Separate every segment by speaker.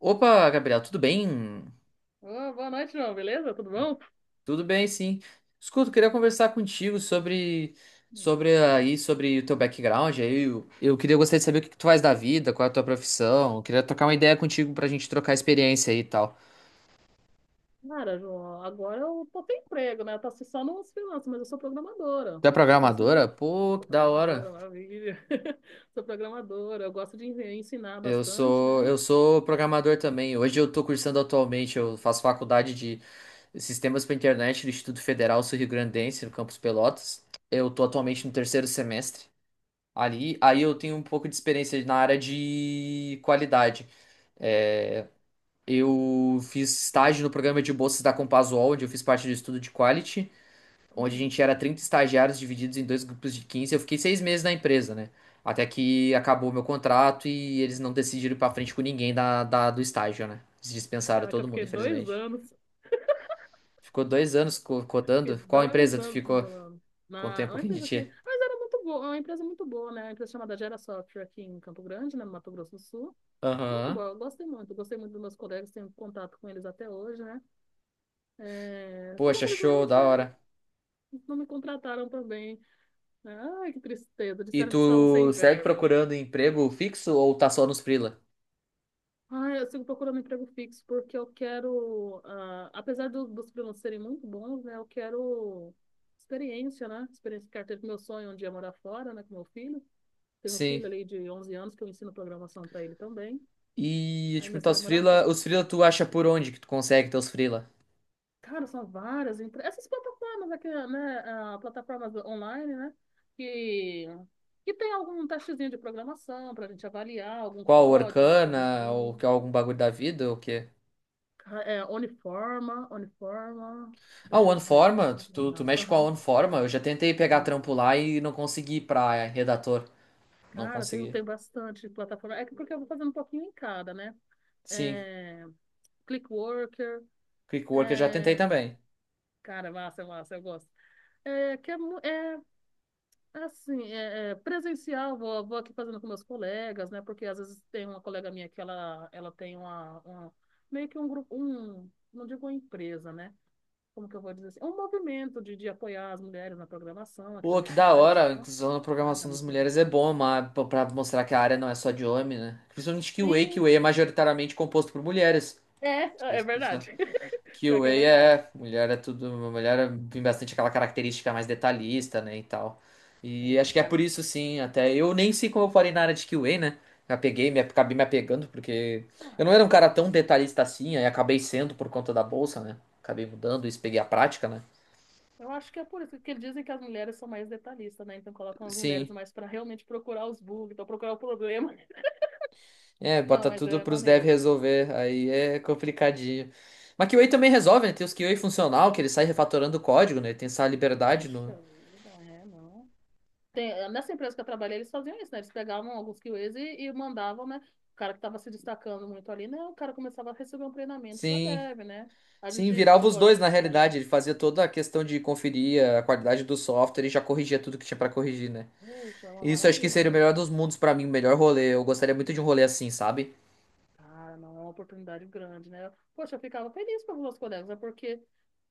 Speaker 1: Opa, Gabriel, tudo bem?
Speaker 2: Ô, boa noite, João. Beleza? Tudo bom?
Speaker 1: Tudo bem, sim. Escuta, eu queria conversar contigo
Speaker 2: Hum.
Speaker 1: sobre o teu background. Aí eu queria gostaria de saber o que que tu faz da vida, qual é a tua profissão. Eu queria trocar uma ideia contigo pra gente trocar experiência aí e tal.
Speaker 2: Cara, João, agora eu tô sem emprego, né? Eu tô assim, só nos freelancers, mas eu sou programadora.
Speaker 1: Tu é
Speaker 2: Faço um...
Speaker 1: programadora? Pô,
Speaker 2: Sou
Speaker 1: que da hora.
Speaker 2: programadora, maravilha. Sou programadora. Eu gosto de ensinar
Speaker 1: Eu
Speaker 2: bastante,
Speaker 1: sou
Speaker 2: né?
Speaker 1: eu sou programador também. Hoje eu tô cursando atualmente, eu faço faculdade de Sistemas para Internet do Instituto Federal Sul-Rio-Grandense, no campus Pelotas. Eu tô atualmente no terceiro semestre ali. Aí eu tenho um pouco de experiência na área de qualidade. É, eu fiz estágio no programa de bolsas da Compasuol, onde eu fiz parte do estudo de quality, onde a
Speaker 2: Uhum.
Speaker 1: gente era 30 estagiários divididos em dois grupos de 15. Eu fiquei 6 meses na empresa, né? Até que acabou meu contrato e eles não decidiram ir pra frente com ninguém do estágio, né? Eles dispensaram
Speaker 2: Caraca, eu
Speaker 1: todo mundo,
Speaker 2: fiquei dois
Speaker 1: infelizmente.
Speaker 2: anos.
Speaker 1: Ficou 2 anos
Speaker 2: Fiquei
Speaker 1: codando. Qual
Speaker 2: dois
Speaker 1: empresa tu
Speaker 2: anos
Speaker 1: ficou?
Speaker 2: enrolando.
Speaker 1: Contei
Speaker 2: Na
Speaker 1: um
Speaker 2: É uma
Speaker 1: pouquinho de
Speaker 2: empresa aqui.
Speaker 1: ti.
Speaker 2: Mas era muito boa, é uma empresa muito boa, né? Uma empresa chamada Gera Software aqui em Campo Grande, né? No Mato Grosso do Sul. Muito
Speaker 1: Aham.
Speaker 2: boa, eu gostei muito. Gostei muito dos meus colegas, tenho contato com eles até hoje, né? É, só que
Speaker 1: Poxa, show,
Speaker 2: infelizmente,
Speaker 1: da
Speaker 2: né?
Speaker 1: hora.
Speaker 2: Não me contrataram também. Ai, que tristeza.
Speaker 1: E
Speaker 2: Disseram que estavam sem
Speaker 1: tu segue
Speaker 2: verba.
Speaker 1: procurando emprego fixo ou tá só nos freela?
Speaker 2: Ai, eu sigo procurando emprego fixo porque eu quero, apesar dos freelancers serem muito bons, né? Eu quero experiência, né? Experiência de carteira, que meu sonho é um dia morar fora, né? Com meu filho. Tenho um filho
Speaker 1: Sim.
Speaker 2: ali de 11 anos que eu ensino programação para ele também.
Speaker 1: E
Speaker 2: Aí
Speaker 1: tipo,
Speaker 2: meu
Speaker 1: tá
Speaker 2: sonho é morar fora.
Speaker 1: os freela tu acha por onde que tu consegue teus freela?
Speaker 2: Cara, são várias. Essas plataformas aqui, né? Plataformas online, né? Que, que tem algum testezinho de programação para a gente avaliar, algum
Speaker 1: Qual,
Speaker 2: código, né?
Speaker 1: Orkana ou
Speaker 2: Corrigir.
Speaker 1: que algum bagulho da vida ou o quê?
Speaker 2: É, Uniforma, Uniforma.
Speaker 1: Ah, o
Speaker 2: Deixa eu ver. Nossa,
Speaker 1: OneForma,
Speaker 2: são
Speaker 1: tu
Speaker 2: várias.
Speaker 1: mexe com a
Speaker 2: Aham.
Speaker 1: OneForma? Eu já tentei pegar trampo
Speaker 2: Uhum.
Speaker 1: lá e não consegui pra redator, não
Speaker 2: Cara, tem,
Speaker 1: consegui.
Speaker 2: tem bastante plataforma. É que porque eu vou fazendo um pouquinho em cada, né?
Speaker 1: Sim,
Speaker 2: É, Clickworker.
Speaker 1: Quickwork eu já tentei
Speaker 2: É...
Speaker 1: também.
Speaker 2: Cara, massa, massa, eu gosto. É, que é, é, assim, é, presencial, vou aqui fazendo com meus colegas, né? Porque às vezes tem uma colega minha que ela tem uma, meio que um grupo, um, não digo uma empresa, né? Como que eu vou dizer assim? É um movimento de apoiar as mulheres na programação aqui na
Speaker 1: Pô,
Speaker 2: minha
Speaker 1: que da
Speaker 2: cidade,
Speaker 1: hora, a
Speaker 2: então,
Speaker 1: inclusão na
Speaker 2: cara,
Speaker 1: programação das
Speaker 2: muito
Speaker 1: mulheres é
Speaker 2: legal.
Speaker 1: bom, mas pra mostrar que a área não é só de homem, né? Principalmente que o
Speaker 2: Sim,
Speaker 1: QA é majoritariamente composto por mulheres.
Speaker 2: é verdade. Pior que
Speaker 1: QA
Speaker 2: é verdade.
Speaker 1: é, mulher é tudo, tem bastante aquela característica mais detalhista, né, e tal. E acho que é por
Speaker 2: Cara,
Speaker 1: isso, sim, até eu nem sei como eu parei na área de QA, né? Acabei me apegando, porque eu não era um cara
Speaker 2: legal, pô.
Speaker 1: tão detalhista assim, aí acabei sendo por conta da bolsa, né? Acabei mudando isso, peguei a prática, né?
Speaker 2: Eu acho que é por isso que eles dizem que as mulheres são mais detalhistas, né? Então colocam as mulheres
Speaker 1: Sim,
Speaker 2: mais para realmente procurar os bugs, então procurar o problema.
Speaker 1: é,
Speaker 2: Não,
Speaker 1: bota
Speaker 2: mas
Speaker 1: tudo
Speaker 2: é
Speaker 1: pros devs
Speaker 2: maneiro.
Speaker 1: resolver, aí é complicadinho. Mas QA também resolve, né? Tem os QA funcional, que ele sai refatorando o código, né? Tem essa liberdade
Speaker 2: Puxa
Speaker 1: no...
Speaker 2: vida, é, não. Tem, nessa empresa que eu trabalhei, eles faziam isso, né? Eles pegavam alguns QAs e mandavam, né? O cara que estava se destacando muito ali, né? O cara começava a receber um treinamento para
Speaker 1: Sim.
Speaker 2: dev, né? A
Speaker 1: Sim,
Speaker 2: gente,
Speaker 1: virava os
Speaker 2: tipo, a
Speaker 1: dois na
Speaker 2: gente
Speaker 1: realidade.
Speaker 2: trabalhava.
Speaker 1: Ele fazia toda a questão de conferir a qualidade do software e já corrigia tudo que tinha pra corrigir, né?
Speaker 2: Puxa, é uma
Speaker 1: Isso acho
Speaker 2: maravilha
Speaker 1: que
Speaker 2: isso
Speaker 1: seria o
Speaker 2: aí.
Speaker 1: melhor dos mundos pra mim, o melhor rolê. Eu gostaria muito de um rolê assim, sabe?
Speaker 2: Cara, não, é uma oportunidade grande, né? Poxa, eu ficava feliz pelos meus colegas, né? Porque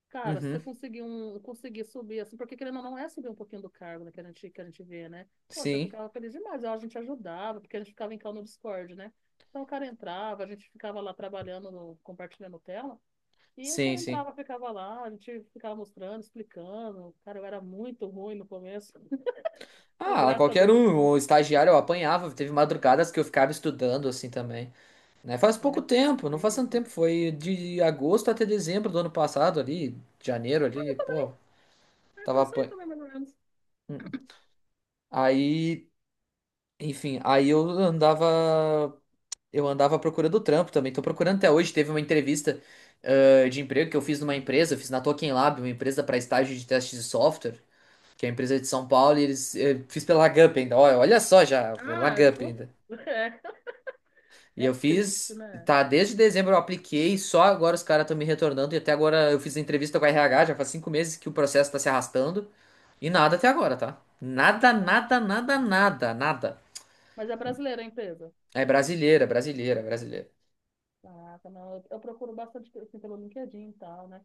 Speaker 2: cara, se você
Speaker 1: Uhum.
Speaker 2: conseguir subir, assim, porque querendo ou não, é subir um pouquinho do cargo, né, que a gente vê, né? Poxa, eu
Speaker 1: Sim,
Speaker 2: ficava feliz demais, ó, a gente ajudava, porque a gente ficava em call no Discord, né? Então o cara entrava, a gente ficava lá trabalhando, compartilhando tela, e o
Speaker 1: sim,
Speaker 2: cara
Speaker 1: sim.
Speaker 2: entrava, ficava lá, a gente ficava mostrando, explicando. Cara, eu era muito ruim no começo. Então,
Speaker 1: Ah,
Speaker 2: graças a
Speaker 1: qualquer
Speaker 2: Deus, eu
Speaker 1: um,
Speaker 2: tive muito
Speaker 1: o estagiário eu
Speaker 2: apoio.
Speaker 1: apanhava. Teve madrugadas que eu ficava estudando assim também, né? Faz pouco
Speaker 2: É,
Speaker 1: tempo, não faz tanto
Speaker 2: sofrido.
Speaker 1: tempo, foi de agosto até dezembro do ano passado ali, janeiro ali, pô,
Speaker 2: É, foi
Speaker 1: tava
Speaker 2: isso aí
Speaker 1: apan...
Speaker 2: também, mais ou menos.
Speaker 1: Hum. Aí, enfim, aí eu andava Eu andava procurando trampo também. Tô procurando até hoje. Teve uma entrevista, de emprego que eu fiz numa
Speaker 2: Hum.
Speaker 1: empresa, eu fiz na Token Lab, uma empresa para estágio de testes de software, que é a empresa de São Paulo, e fiz pela Lagup ainda. Olha, olha só já, pela
Speaker 2: Ah,
Speaker 1: Lagup
Speaker 2: pô.
Speaker 1: ainda.
Speaker 2: É,
Speaker 1: E
Speaker 2: é
Speaker 1: eu
Speaker 2: triste,
Speaker 1: fiz,
Speaker 2: né?
Speaker 1: tá, desde dezembro eu apliquei, só agora os caras estão me retornando, e até agora eu fiz entrevista com a RH, já faz 5 meses que o processo tá se arrastando, e nada até agora, tá? Nada,
Speaker 2: Nossa,
Speaker 1: nada,
Speaker 2: que
Speaker 1: nada,
Speaker 2: demônio.
Speaker 1: nada, nada.
Speaker 2: Mas é brasileira a empresa?
Speaker 1: É brasileira, brasileira, brasileira.
Speaker 2: Caraca, não, eu procuro bastante assim, pelo LinkedIn e tal, né?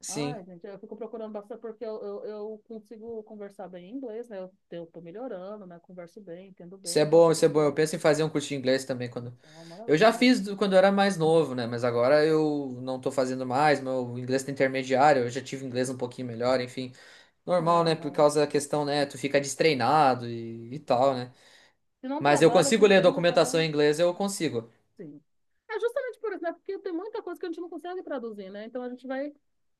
Speaker 1: Sim.
Speaker 2: Ai, gente, eu fico procurando bastante porque eu consigo conversar bem em inglês, né? Eu tô melhorando, né? Converso bem, entendo
Speaker 1: Isso
Speaker 2: bem,
Speaker 1: é
Speaker 2: então eu
Speaker 1: bom,
Speaker 2: tô
Speaker 1: isso é bom. Eu
Speaker 2: procurando.
Speaker 1: penso em fazer um curso de inglês também quando.
Speaker 2: Nossa, é uma
Speaker 1: Eu já
Speaker 2: maravilha.
Speaker 1: fiz quando eu era mais novo, né? Mas agora eu não tô fazendo mais. Meu inglês tá intermediário, eu já tive inglês um pouquinho melhor, enfim. Normal,
Speaker 2: Ah,
Speaker 1: né? Por
Speaker 2: não.
Speaker 1: causa da questão, né? Tu fica destreinado e tal,
Speaker 2: Sim.
Speaker 1: né?
Speaker 2: Se não
Speaker 1: Mas eu
Speaker 2: trabalha com
Speaker 1: consigo ler
Speaker 2: inglês, acaba
Speaker 1: documentação em inglês, eu consigo.
Speaker 2: sim. É justamente por isso, né? Porque tem muita coisa que a gente não consegue traduzir, né? Então a gente vai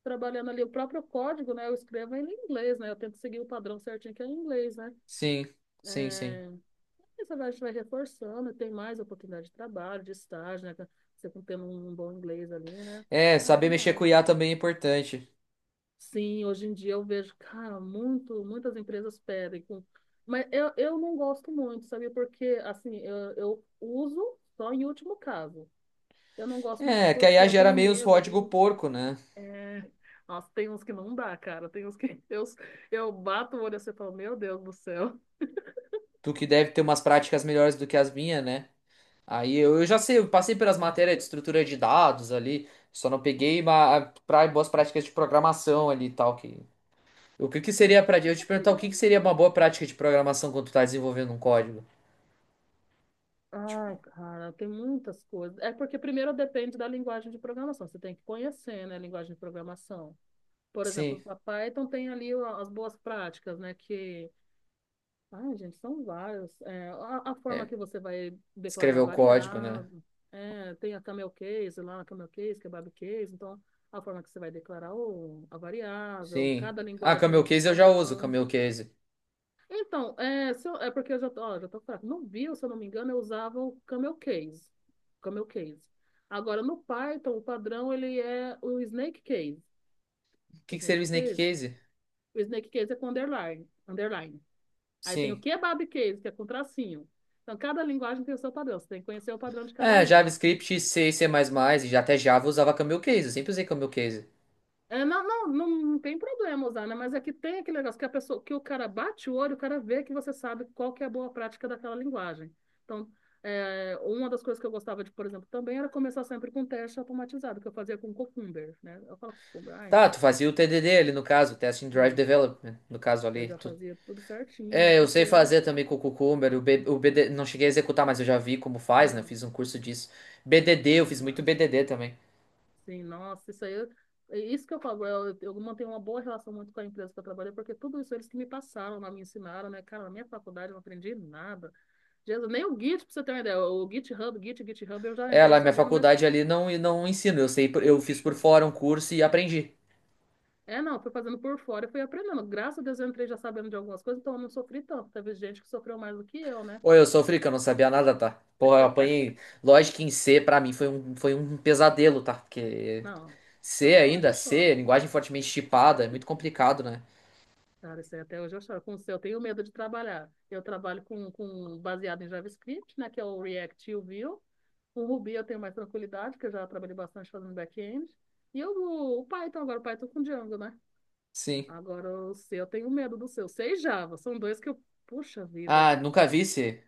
Speaker 2: trabalhando ali o próprio código, né? Eu escrevo ele em inglês, né? Eu tento seguir o padrão certinho que é em inglês, né?
Speaker 1: Sim, sim, sim.
Speaker 2: É, Você vai reforçando, tem mais oportunidade de trabalho, de estágio, né? Você tendo um bom inglês ali, né?
Speaker 1: É,
Speaker 2: Cara, é
Speaker 1: saber
Speaker 2: o
Speaker 1: mexer com
Speaker 2: básico.
Speaker 1: IA também é importante.
Speaker 2: Sim, hoje em dia eu vejo, cara, muitas empresas pedem. Mas eu não gosto muito, sabia? Porque, assim, eu uso só em último caso. Eu não gosto muito
Speaker 1: É, que a
Speaker 2: porque
Speaker 1: IA
Speaker 2: eu
Speaker 1: gera
Speaker 2: tenho
Speaker 1: meio os
Speaker 2: medo
Speaker 1: código
Speaker 2: de...
Speaker 1: porco, né?
Speaker 2: É... Nossa, tem uns que não dá, cara. Tem uns que eu bato o olho assim e falo, meu Deus do céu.
Speaker 1: Tu que deve ter umas práticas melhores do que as minhas, né? Aí eu já sei, eu passei pelas matérias de estrutura de dados ali, só não peguei pra, boas práticas de programação ali e tal. Que, o que, que seria pra. Eu te perguntar o que, que seria uma boa prática de programação quando tu tá desenvolvendo um código? Tipo,
Speaker 2: Ai, cara, tem muitas coisas. É porque primeiro depende da linguagem de programação. Você tem que conhecer, né, a linguagem de programação. Por exemplo,
Speaker 1: sim,
Speaker 2: a Python tem ali as boas práticas, né, que... Ai, gente, são vários. É, a forma
Speaker 1: é,
Speaker 2: que você vai
Speaker 1: escrever
Speaker 2: declarar
Speaker 1: o código, né?
Speaker 2: variável. É, tem a camel case lá, a camel case, kebab case. Então, a forma que você vai declarar o, a variável.
Speaker 1: Sim.
Speaker 2: Cada
Speaker 1: Ah,
Speaker 2: linguagem
Speaker 1: Camel
Speaker 2: usa um
Speaker 1: Case eu já uso,
Speaker 2: padrão.
Speaker 1: Camel Case.
Speaker 2: Então, é, se eu- é porque eu já tô, ó, já tô fraca. No Vue, se eu não me engano, eu usava o Camel Case. Camel Case. Agora, no Python, o padrão, ele é o Snake Case.
Speaker 1: O
Speaker 2: O
Speaker 1: que, que seria
Speaker 2: Snake
Speaker 1: o Snake
Speaker 2: Case?
Speaker 1: Case?
Speaker 2: O Snake Case é com underline. Underline. Aí tem o
Speaker 1: Sim.
Speaker 2: Kebab Case, que é com tracinho. Então, cada linguagem tem o seu padrão. Você tem que conhecer o padrão de cada
Speaker 1: É,
Speaker 2: uma.
Speaker 1: JavaScript, C, C++, e já até Java eu usava Camel Case, eu sempre usei Camel Case.
Speaker 2: É, não, não, não, não tem problema usar, né? Mas é que tem aquele negócio que a pessoa, que o cara bate o olho, o cara vê que você sabe qual que é a boa prática daquela linguagem. Então, é, uma das coisas que eu gostava de, por exemplo, também era começar sempre com teste automatizado, que eu fazia com Cucumber, né? Eu falo Cucumber, ai,
Speaker 1: Tá, tu fazia o TDD ali no caso, Testing Drive
Speaker 2: sim,
Speaker 1: Development, no caso
Speaker 2: eu
Speaker 1: ali.
Speaker 2: já
Speaker 1: Tu
Speaker 2: fazia tudo certinho, né?
Speaker 1: É, eu
Speaker 2: Porque,
Speaker 1: sei fazer também com o Cucumber, o BD, não cheguei a executar, mas eu já vi como faz, né? Eu
Speaker 2: ah,
Speaker 1: fiz um curso disso. BDD, eu
Speaker 2: cara,
Speaker 1: fiz muito
Speaker 2: mas,
Speaker 1: BDD também.
Speaker 2: sim, nossa, isso aí, é isso que eu falo, eu mantenho uma boa relação muito com a empresa que eu trabalhei, porque tudo isso eles que me passaram, lá, me ensinaram, né? Cara, na minha faculdade eu não aprendi nada. Jesus, nem o Git, pra você ter uma ideia. O GitHub, Git, GitHub, eu já
Speaker 1: É,
Speaker 2: entrei
Speaker 1: lá minha
Speaker 2: sabendo, mas.
Speaker 1: faculdade ali não, não ensino, eu sei, eu fiz
Speaker 2: Puxa
Speaker 1: por fora um
Speaker 2: vida.
Speaker 1: curso e aprendi.
Speaker 2: É, não, fui fazendo por fora e fui aprendendo. Graças a Deus eu entrei já sabendo de algumas coisas, então eu não sofri tanto. Teve gente que sofreu mais do que eu, né?
Speaker 1: Ou eu sofri que eu não sabia nada, tá? Porra, eu apanhei. Lógico que em C pra mim foi um pesadelo, tá? Porque
Speaker 2: Não, isso
Speaker 1: C
Speaker 2: até hoje
Speaker 1: ainda,
Speaker 2: eu
Speaker 1: C,
Speaker 2: choro.
Speaker 1: linguagem fortemente tipada, é muito complicado, né?
Speaker 2: Cara, isso aí até hoje eu choro. Com o seu, eu tenho medo de trabalhar. Eu trabalho com baseado em JavaScript, né? Que é o React e o Vue. Com o Ruby eu tenho mais tranquilidade, porque eu já trabalhei bastante fazendo back-end. E eu, o Python agora, o Python com Django, né?
Speaker 1: Sim.
Speaker 2: Agora, o seu, eu tenho medo do seu. C e Java, são dois que eu. Puxa vida.
Speaker 1: Ah, nunca vi C.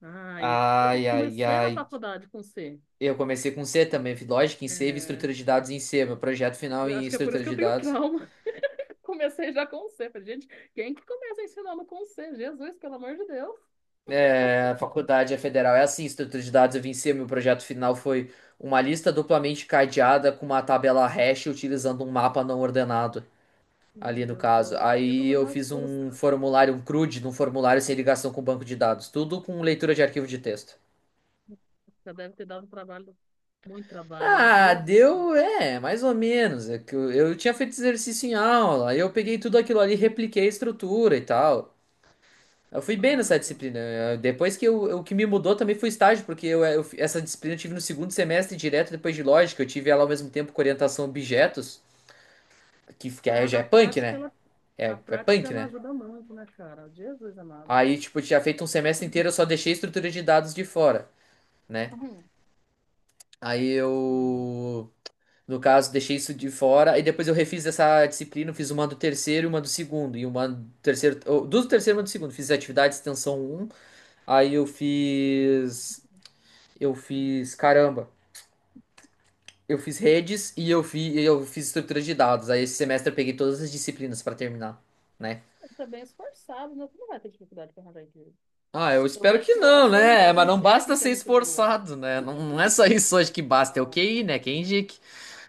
Speaker 2: Ai, eu
Speaker 1: Ai, ai,
Speaker 2: comecei na
Speaker 1: ai.
Speaker 2: faculdade com C.
Speaker 1: Eu comecei com C também, fiz lógica em C, e
Speaker 2: É,
Speaker 1: estrutura de dados em C, meu projeto final
Speaker 2: eu
Speaker 1: em
Speaker 2: acho que é por isso
Speaker 1: estrutura
Speaker 2: que eu
Speaker 1: de
Speaker 2: tenho
Speaker 1: dados.
Speaker 2: trauma. Comecei já com C. Falei, gente, quem que começa ensinando com C? Jesus, pelo amor de Deus.
Speaker 1: É, a faculdade é federal, é assim, estrutura de dados eu vim em C, meu projeto final foi uma lista duplamente cadeada com uma tabela hash utilizando um mapa não ordenado,
Speaker 2: Meu
Speaker 1: ali no
Speaker 2: Deus do céu,
Speaker 1: caso.
Speaker 2: o
Speaker 1: Aí
Speaker 2: título
Speaker 1: eu
Speaker 2: já
Speaker 1: fiz um
Speaker 2: assusta.
Speaker 1: formulário, um CRUD, de um formulário sem ligação com o banco de dados, tudo com leitura de arquivo de texto.
Speaker 2: Já deve ter dado trabalho, muito trabalho, né?
Speaker 1: Ah,
Speaker 2: Jesus
Speaker 1: deu, é, mais ou menos. É que eu tinha feito exercício em aula, aí eu peguei tudo aquilo ali, repliquei a estrutura e tal. Eu fui bem nessa
Speaker 2: amado.
Speaker 1: disciplina. Depois que eu, o que me mudou também foi o estágio, porque essa disciplina eu tive no segundo semestre direto depois de lógica. Eu tive ela ao mesmo tempo com orientação a objetos, que aí já
Speaker 2: A,
Speaker 1: é
Speaker 2: a
Speaker 1: punk,
Speaker 2: prática,
Speaker 1: né?
Speaker 2: ela, a
Speaker 1: É
Speaker 2: prática,
Speaker 1: punk,
Speaker 2: ela
Speaker 1: né?
Speaker 2: ajuda muito, né, cara? Jesus amado.
Speaker 1: Aí, tipo, eu tinha feito um semestre inteiro, eu só deixei estrutura de dados de fora, né? Aí
Speaker 2: Uhum.
Speaker 1: eu, no caso, deixei isso de fora. E depois eu refiz essa disciplina, eu fiz uma do terceiro e uma do segundo. E uma do terceiro, ou, duas do terceiro e uma do segundo. Fiz atividade de extensão um. Aí eu fiz. Eu fiz, caramba. Eu fiz redes e eu fiz estrutura de dados. Aí esse semestre eu peguei todas as disciplinas pra terminar, né?
Speaker 2: Você é bem esforçado, né? Você não vai ter dificuldade para arranjar emprego.
Speaker 1: Ah, eu
Speaker 2: Eu
Speaker 1: espero
Speaker 2: vejo
Speaker 1: que
Speaker 2: que a
Speaker 1: não,
Speaker 2: sua
Speaker 1: né? Mas
Speaker 2: linguagem
Speaker 1: não basta
Speaker 2: técnica é
Speaker 1: ser
Speaker 2: muito boa.
Speaker 1: esforçado, né? Não, não é só isso hoje que basta, é o
Speaker 2: Não,
Speaker 1: QI, né? Quem indique.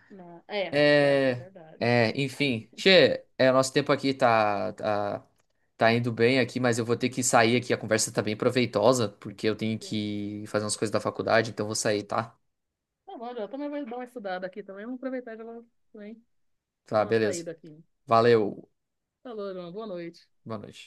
Speaker 2: não. É, pior que é
Speaker 1: É,
Speaker 2: verdade.
Speaker 1: enfim. Nosso tempo aqui tá indo bem aqui, mas eu vou ter que sair aqui. A conversa tá bem proveitosa, porque eu tenho que fazer umas coisas da faculdade, então eu vou sair, tá?
Speaker 2: Tá bom, eu também vou dar uma estudada aqui também. Vamos aproveitar e já vou também
Speaker 1: Tá,
Speaker 2: dá uma
Speaker 1: beleza.
Speaker 2: saída aqui.
Speaker 1: Valeu.
Speaker 2: Falou, João. Boa noite.
Speaker 1: Boa noite.